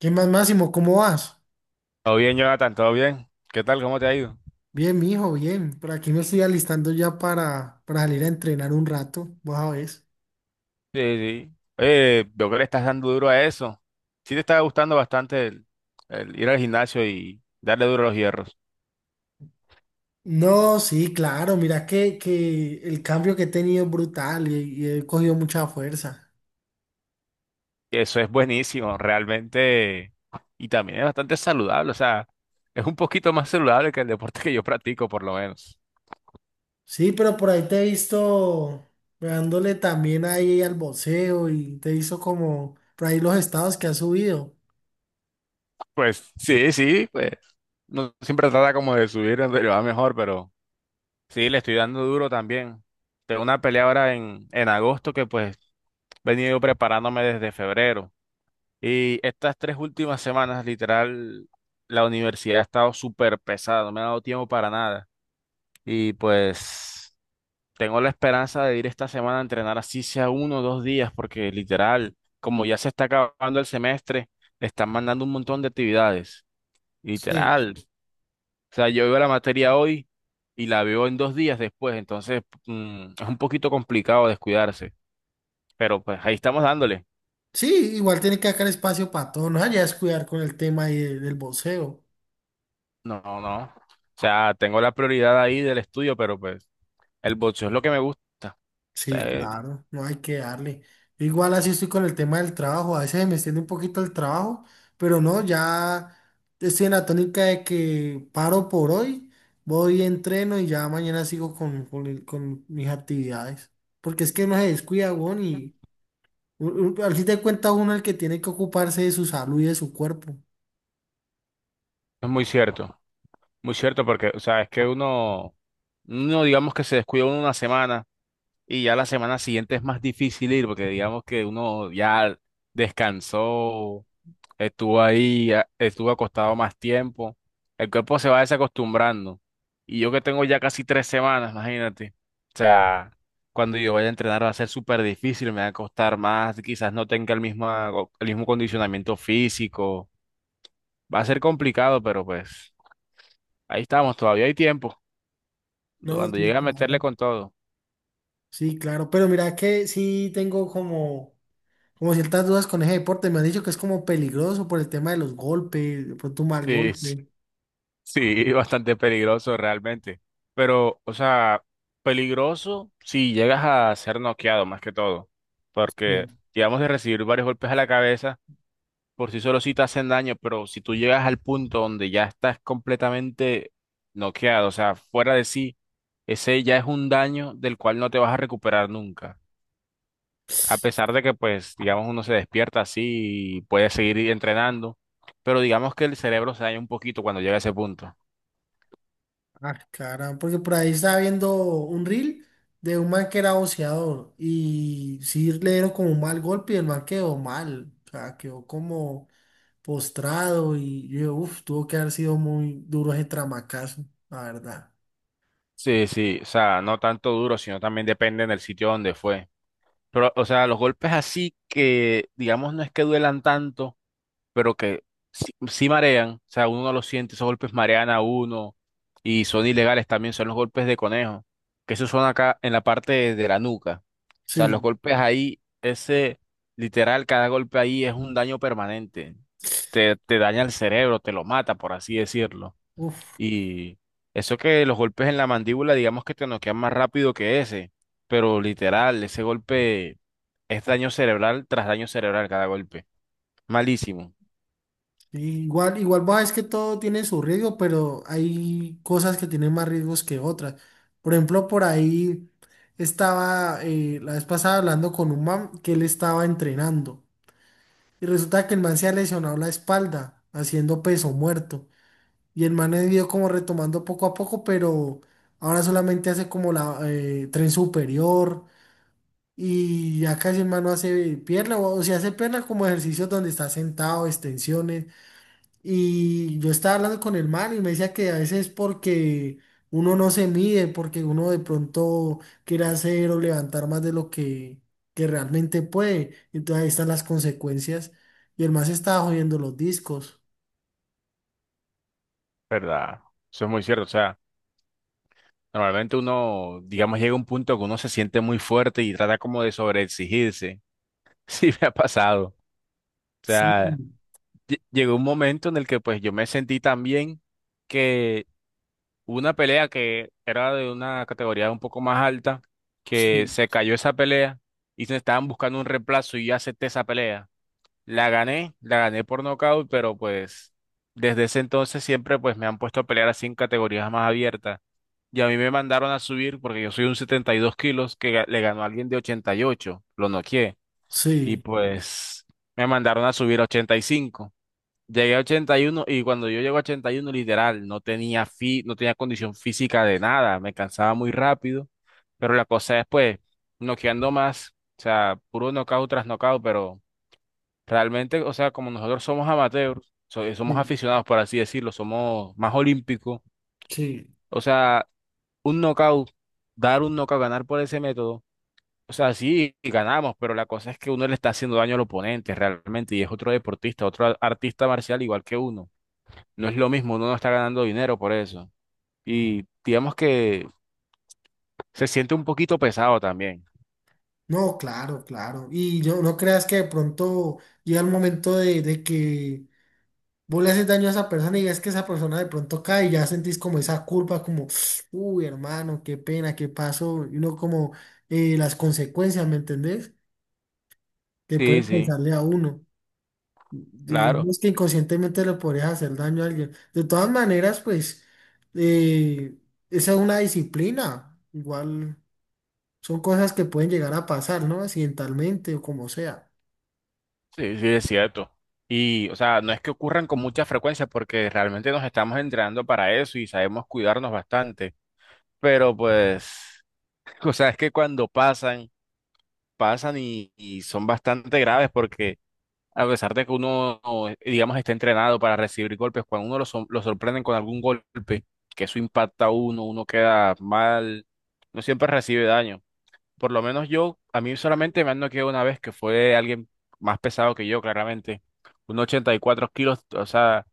¿Qué más, Máximo? ¿Cómo vas? Todo bien, Jonathan, todo bien. ¿Qué tal? ¿Cómo te ha ido? Bien, mijo, bien. Por aquí me estoy alistando ya para salir a entrenar un rato. Vos sabés. Sí, sí. Oye, veo que le estás dando duro a eso. Sí te está gustando bastante el ir al gimnasio y darle duro a los hierros. No, sí, claro. Mira que el cambio que he tenido es brutal y he cogido mucha fuerza. Eso es buenísimo, realmente. Y también es bastante saludable, o sea, es un poquito más saludable que el deporte que yo practico, por lo menos. Sí, pero por ahí te he visto dándole también ahí al boxeo y te he visto como por ahí los estados que has subido. Pues sí, sí, pues no siempre trata como de subir, pero va mejor, pero sí, le estoy dando duro también. Tengo una pelea ahora en agosto que pues he venido preparándome desde febrero. Y estas 3 últimas semanas, literal, la universidad ha estado súper pesada, no me ha dado tiempo para nada. Y pues tengo la esperanza de ir esta semana a entrenar así sea uno o dos días, porque literal, como ya se está acabando el semestre, están mandando un montón de actividades, Sí. literal. O sea, yo veo la materia hoy y la veo en dos días después, entonces es un poquito complicado descuidarse, pero pues ahí estamos dándole. Sí, igual tiene que sacar espacio para todo. No vayas a descuidar con el tema ahí del boxeo. No, no. O sea, tengo la prioridad ahí del estudio, pero pues... El boxeo es lo que me gusta. O Sí, sea, claro, no hay que darle. Yo igual así estoy con el tema del trabajo, a veces me extiende un poquito el trabajo, pero no, ya estoy en la tónica de que paro por hoy, voy, entreno y ya mañana sigo con con mis actividades. Porque es que no se descuida, weón, y al fin de cuentas uno es el que tiene que ocuparse de su salud y de su cuerpo. es muy cierto porque, o sea, es que uno, digamos que se descuida uno una semana y ya la semana siguiente es más difícil ir porque digamos que uno ya descansó, estuvo ahí, estuvo acostado más tiempo. El cuerpo se va desacostumbrando. Y yo que tengo ya casi 3 semanas, imagínate. O sea, cuando yo vaya a entrenar va a ser súper difícil, me va a costar más, quizás no tenga el mismo condicionamiento físico. Va a ser complicado, pero pues ahí estamos, todavía hay tiempo. No, Cuando sí, llegue a meterle claro. con todo. Sí, claro, pero mira que sí tengo como... como ciertas dudas con ese deporte, me han dicho que es como peligroso por el tema de los golpes, de pronto un mal Sí, sí, golpe. sí, bastante peligroso realmente. Pero, o sea, peligroso si llegas a ser noqueado más que todo. Porque, Sí. digamos, de recibir varios golpes a la cabeza, por sí solo sí te hacen daño, pero si tú llegas al punto donde ya estás completamente noqueado, o sea, fuera de sí, ese ya es un daño del cual no te vas a recuperar nunca. A pesar de que, pues, digamos, uno se despierta así y puede seguir entrenando, pero digamos que el cerebro se daña un poquito cuando llega a ese punto. Ah, caramba, porque por ahí estaba viendo un reel de un man que era boxeador y sí le dieron como un mal golpe y el man quedó mal, o sea, quedó como postrado y yo, uff, tuvo que haber sido muy duro ese tramacazo, la verdad. Sí, sí, o sea, no tanto duro, sino también depende del sitio donde fue. Pero, o sea, los golpes así que, digamos, no es que duelan tanto, pero que sí, sí marean, o sea, uno no lo siente, esos golpes marean a uno y son ilegales también, son los golpes de conejo, que esos son acá en la parte de la nuca. O sea, los Sí, golpes ahí, ese literal, cada golpe ahí es un daño permanente. Te daña el cerebro, te lo mata, por así decirlo. uff. Y eso que los golpes en la mandíbula, digamos que te noquean más rápido que ese, pero literal, ese golpe es daño cerebral tras daño cerebral cada golpe. Malísimo. Igual, igual vos es que todo tiene su riesgo, pero hay cosas que tienen más riesgos que otras. Por ejemplo, por ahí estaba la vez pasada hablando con un man que él estaba entrenando y resulta que el man se ha lesionado la espalda haciendo peso muerto y el man ha ido como retomando poco a poco, pero ahora solamente hace como la tren superior y ya casi el man no hace pierna o si hace pierna como ejercicios donde está sentado, extensiones y yo estaba hablando con el man y me decía que a veces porque uno no se mide, porque uno de pronto quiere hacer o levantar más de que realmente puede. Entonces ahí están las consecuencias. Y el man se estaba jodiendo los discos. ¿Verdad? Eso es muy cierto. O sea, normalmente uno, digamos, llega a un punto que uno se siente muy fuerte y trata como de sobreexigirse. Sí, me ha pasado. O Sí, sea, llegó un momento en el que pues yo me sentí tan bien que hubo una pelea que era de una categoría un poco más alta, que sí, se cayó esa pelea y se estaban buscando un reemplazo y yo acepté esa pelea. La gané por nocaut, pero pues desde ese entonces siempre pues me han puesto a pelear así en categorías más abiertas. Y a mí me mandaron a subir porque yo soy un 72 kilos que le ganó a alguien de 88, lo noqueé. Y sí, pues me mandaron a subir a 85. Llegué a 81 y cuando yo llego a 81 literal, no tenía no tenía condición física de nada, me cansaba muy rápido. Pero la cosa es pues noqueando más, o sea, puro knockout tras knockout, pero realmente, o sea, como nosotros somos amateurs, somos sí, aficionados por así decirlo, somos más olímpicos. sí. O sea, un knockout, dar un knockout, ganar por ese método. O sea, sí, ganamos, pero la cosa es que uno le está haciendo daño al oponente realmente y es otro deportista, otro artista marcial igual que uno. No es lo mismo, uno no está ganando dinero por eso. Y digamos que se siente un poquito pesado también. No, claro, claro. Y yo no creas que de pronto llega el momento de que vos le haces daño a esa persona y ves que esa persona de pronto cae y ya sentís como esa culpa como, uy, hermano, qué pena, qué pasó, y uno como las consecuencias, ¿me entendés? Que pueden Sí, sí, pensarle a uno. claro, Digamos que inconscientemente le podrías hacer daño a alguien. De todas maneras, pues, eh, esa es una disciplina. Igual son cosas que pueden llegar a pasar, ¿no? Accidentalmente o como sea. sí, sí, es cierto. Y, o sea, no es que ocurran con mucha frecuencia porque realmente nos estamos entrenando para eso y sabemos cuidarnos bastante. Pero pues, o sea, es que cuando pasan... pasan y son bastante graves porque a pesar de que uno, digamos, está entrenado para recibir golpes, cuando uno lo, lo sorprenden con algún golpe, que eso impacta a uno, uno queda mal, no siempre recibe daño. Por lo menos yo, a mí solamente me han noqueado una vez que fue alguien más pesado que yo, claramente, un 4 kilos, o sea.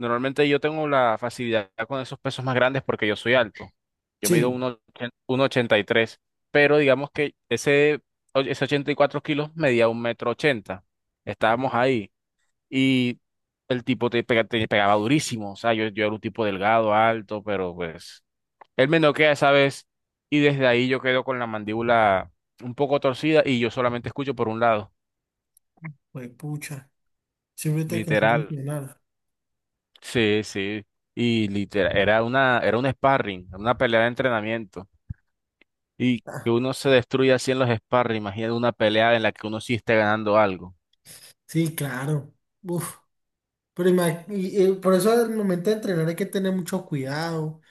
Normalmente yo tengo la facilidad con esos pesos más grandes porque yo soy alto. Yo mido Sí, 1,83, pero digamos que ese 84 kilos medía un metro ochenta. Estábamos ahí y el tipo te, te pegaba durísimo. O sea, yo era un tipo delgado, alto, pero pues él me noquea esa vez y desde ahí yo quedo con la mandíbula un poco torcida y yo solamente escucho por un lado, pues pucha, siempre te alcanzas a literal. entrenar. Sí, sí. Y literal, era un sparring, una pelea de entrenamiento. Y que Ah, uno se destruye así en los sparring, imagínate una pelea en la que uno sí esté ganando algo. sí, claro. Uf. Por eso al momento de entrenar hay que tener mucho cuidado,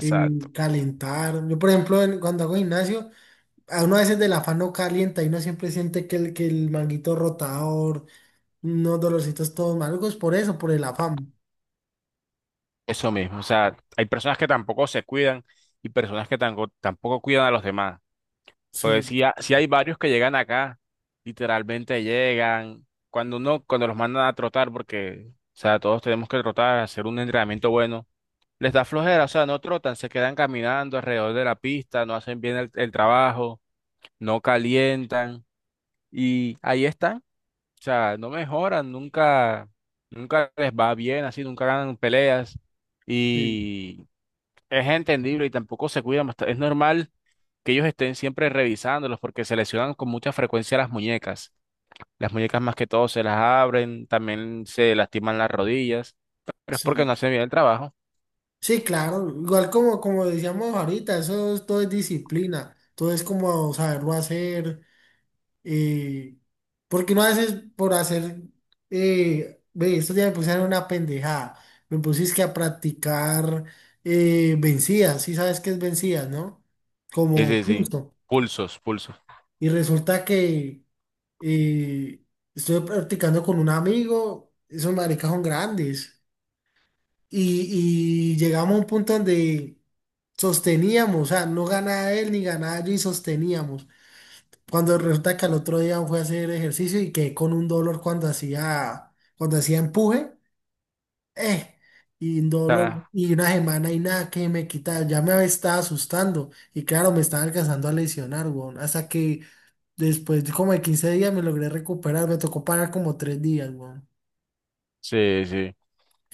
eh, calentar. Yo, por ejemplo, cuando hago gimnasio, a uno a veces del afán no calienta y uno siempre siente que el manguito rotador, unos dolorcitos todos malucos, por eso, por el afán. Eso mismo. O sea, hay personas que tampoco se cuidan y personas que tampoco, tampoco cuidan a los demás. Porque Sí, si, si hay varios que llegan acá, literalmente llegan. Cuando uno, cuando los mandan a trotar, porque, o sea, todos tenemos que trotar, hacer un entrenamiento bueno. Les da flojera, o sea, no trotan, se quedan caminando alrededor de la pista, no hacen bien el trabajo, no calientan y ahí están, o sea, no mejoran, nunca, nunca les va bien así, nunca ganan peleas sí, y es entendible y tampoco se cuidan Es normal que ellos estén siempre revisándolos porque se lesionan con mucha frecuencia las muñecas. Las muñecas más que todo se las abren, también se lastiman las rodillas, pero es porque sí. no hacen bien el trabajo. Sí, claro. Igual como, como decíamos ahorita, todo es disciplina, todo es como saberlo hacer. Eh, Porque no haces por hacer, ve, estos días me pusieron una pendejada, me pusiste a practicar vencidas, sí sabes qué es vencidas, ¿no? Sí, Como sí, sí. justo. Pulsos, pulsos. O Y resulta que eh, estuve practicando con un amigo, esos maricas son grandes, y llegamos a un punto donde sosteníamos, o sea, no ganaba él ni ganaba yo y sosteníamos. Cuando resulta que al otro día fue a hacer ejercicio y quedé con un dolor cuando hacía empuje, eh, y un dolor, sea, y una semana y nada que me quitaba, ya me estaba asustando, y claro, me estaba alcanzando a lesionar, weón, hasta que después de como de 15 días me logré recuperar, me tocó parar como 3 días, weón. sí, sí.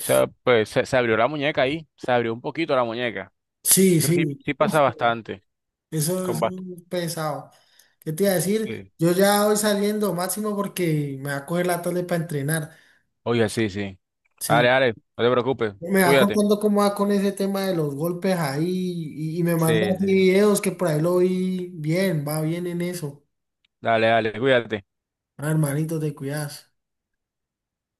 O sea, pues se abrió la muñeca ahí, se abrió un poquito la muñeca. Sí, Eso sí, sí, sí uf, pasa bastante. eso Con es muy pesado. ¿Qué te iba a decir? sí. Yo ya voy saliendo, Máximo, porque me va a coger la tarde para entrenar, Oye, sí, sí. Dale, sí. dale, no te preocupes, Me va cuídate. contando cómo va con ese tema de los golpes ahí y me manda Sí, así sí. videos que por ahí lo vi bien, va bien en eso. Dale, dale, cuídate. Ah, hermanito, te cuidas.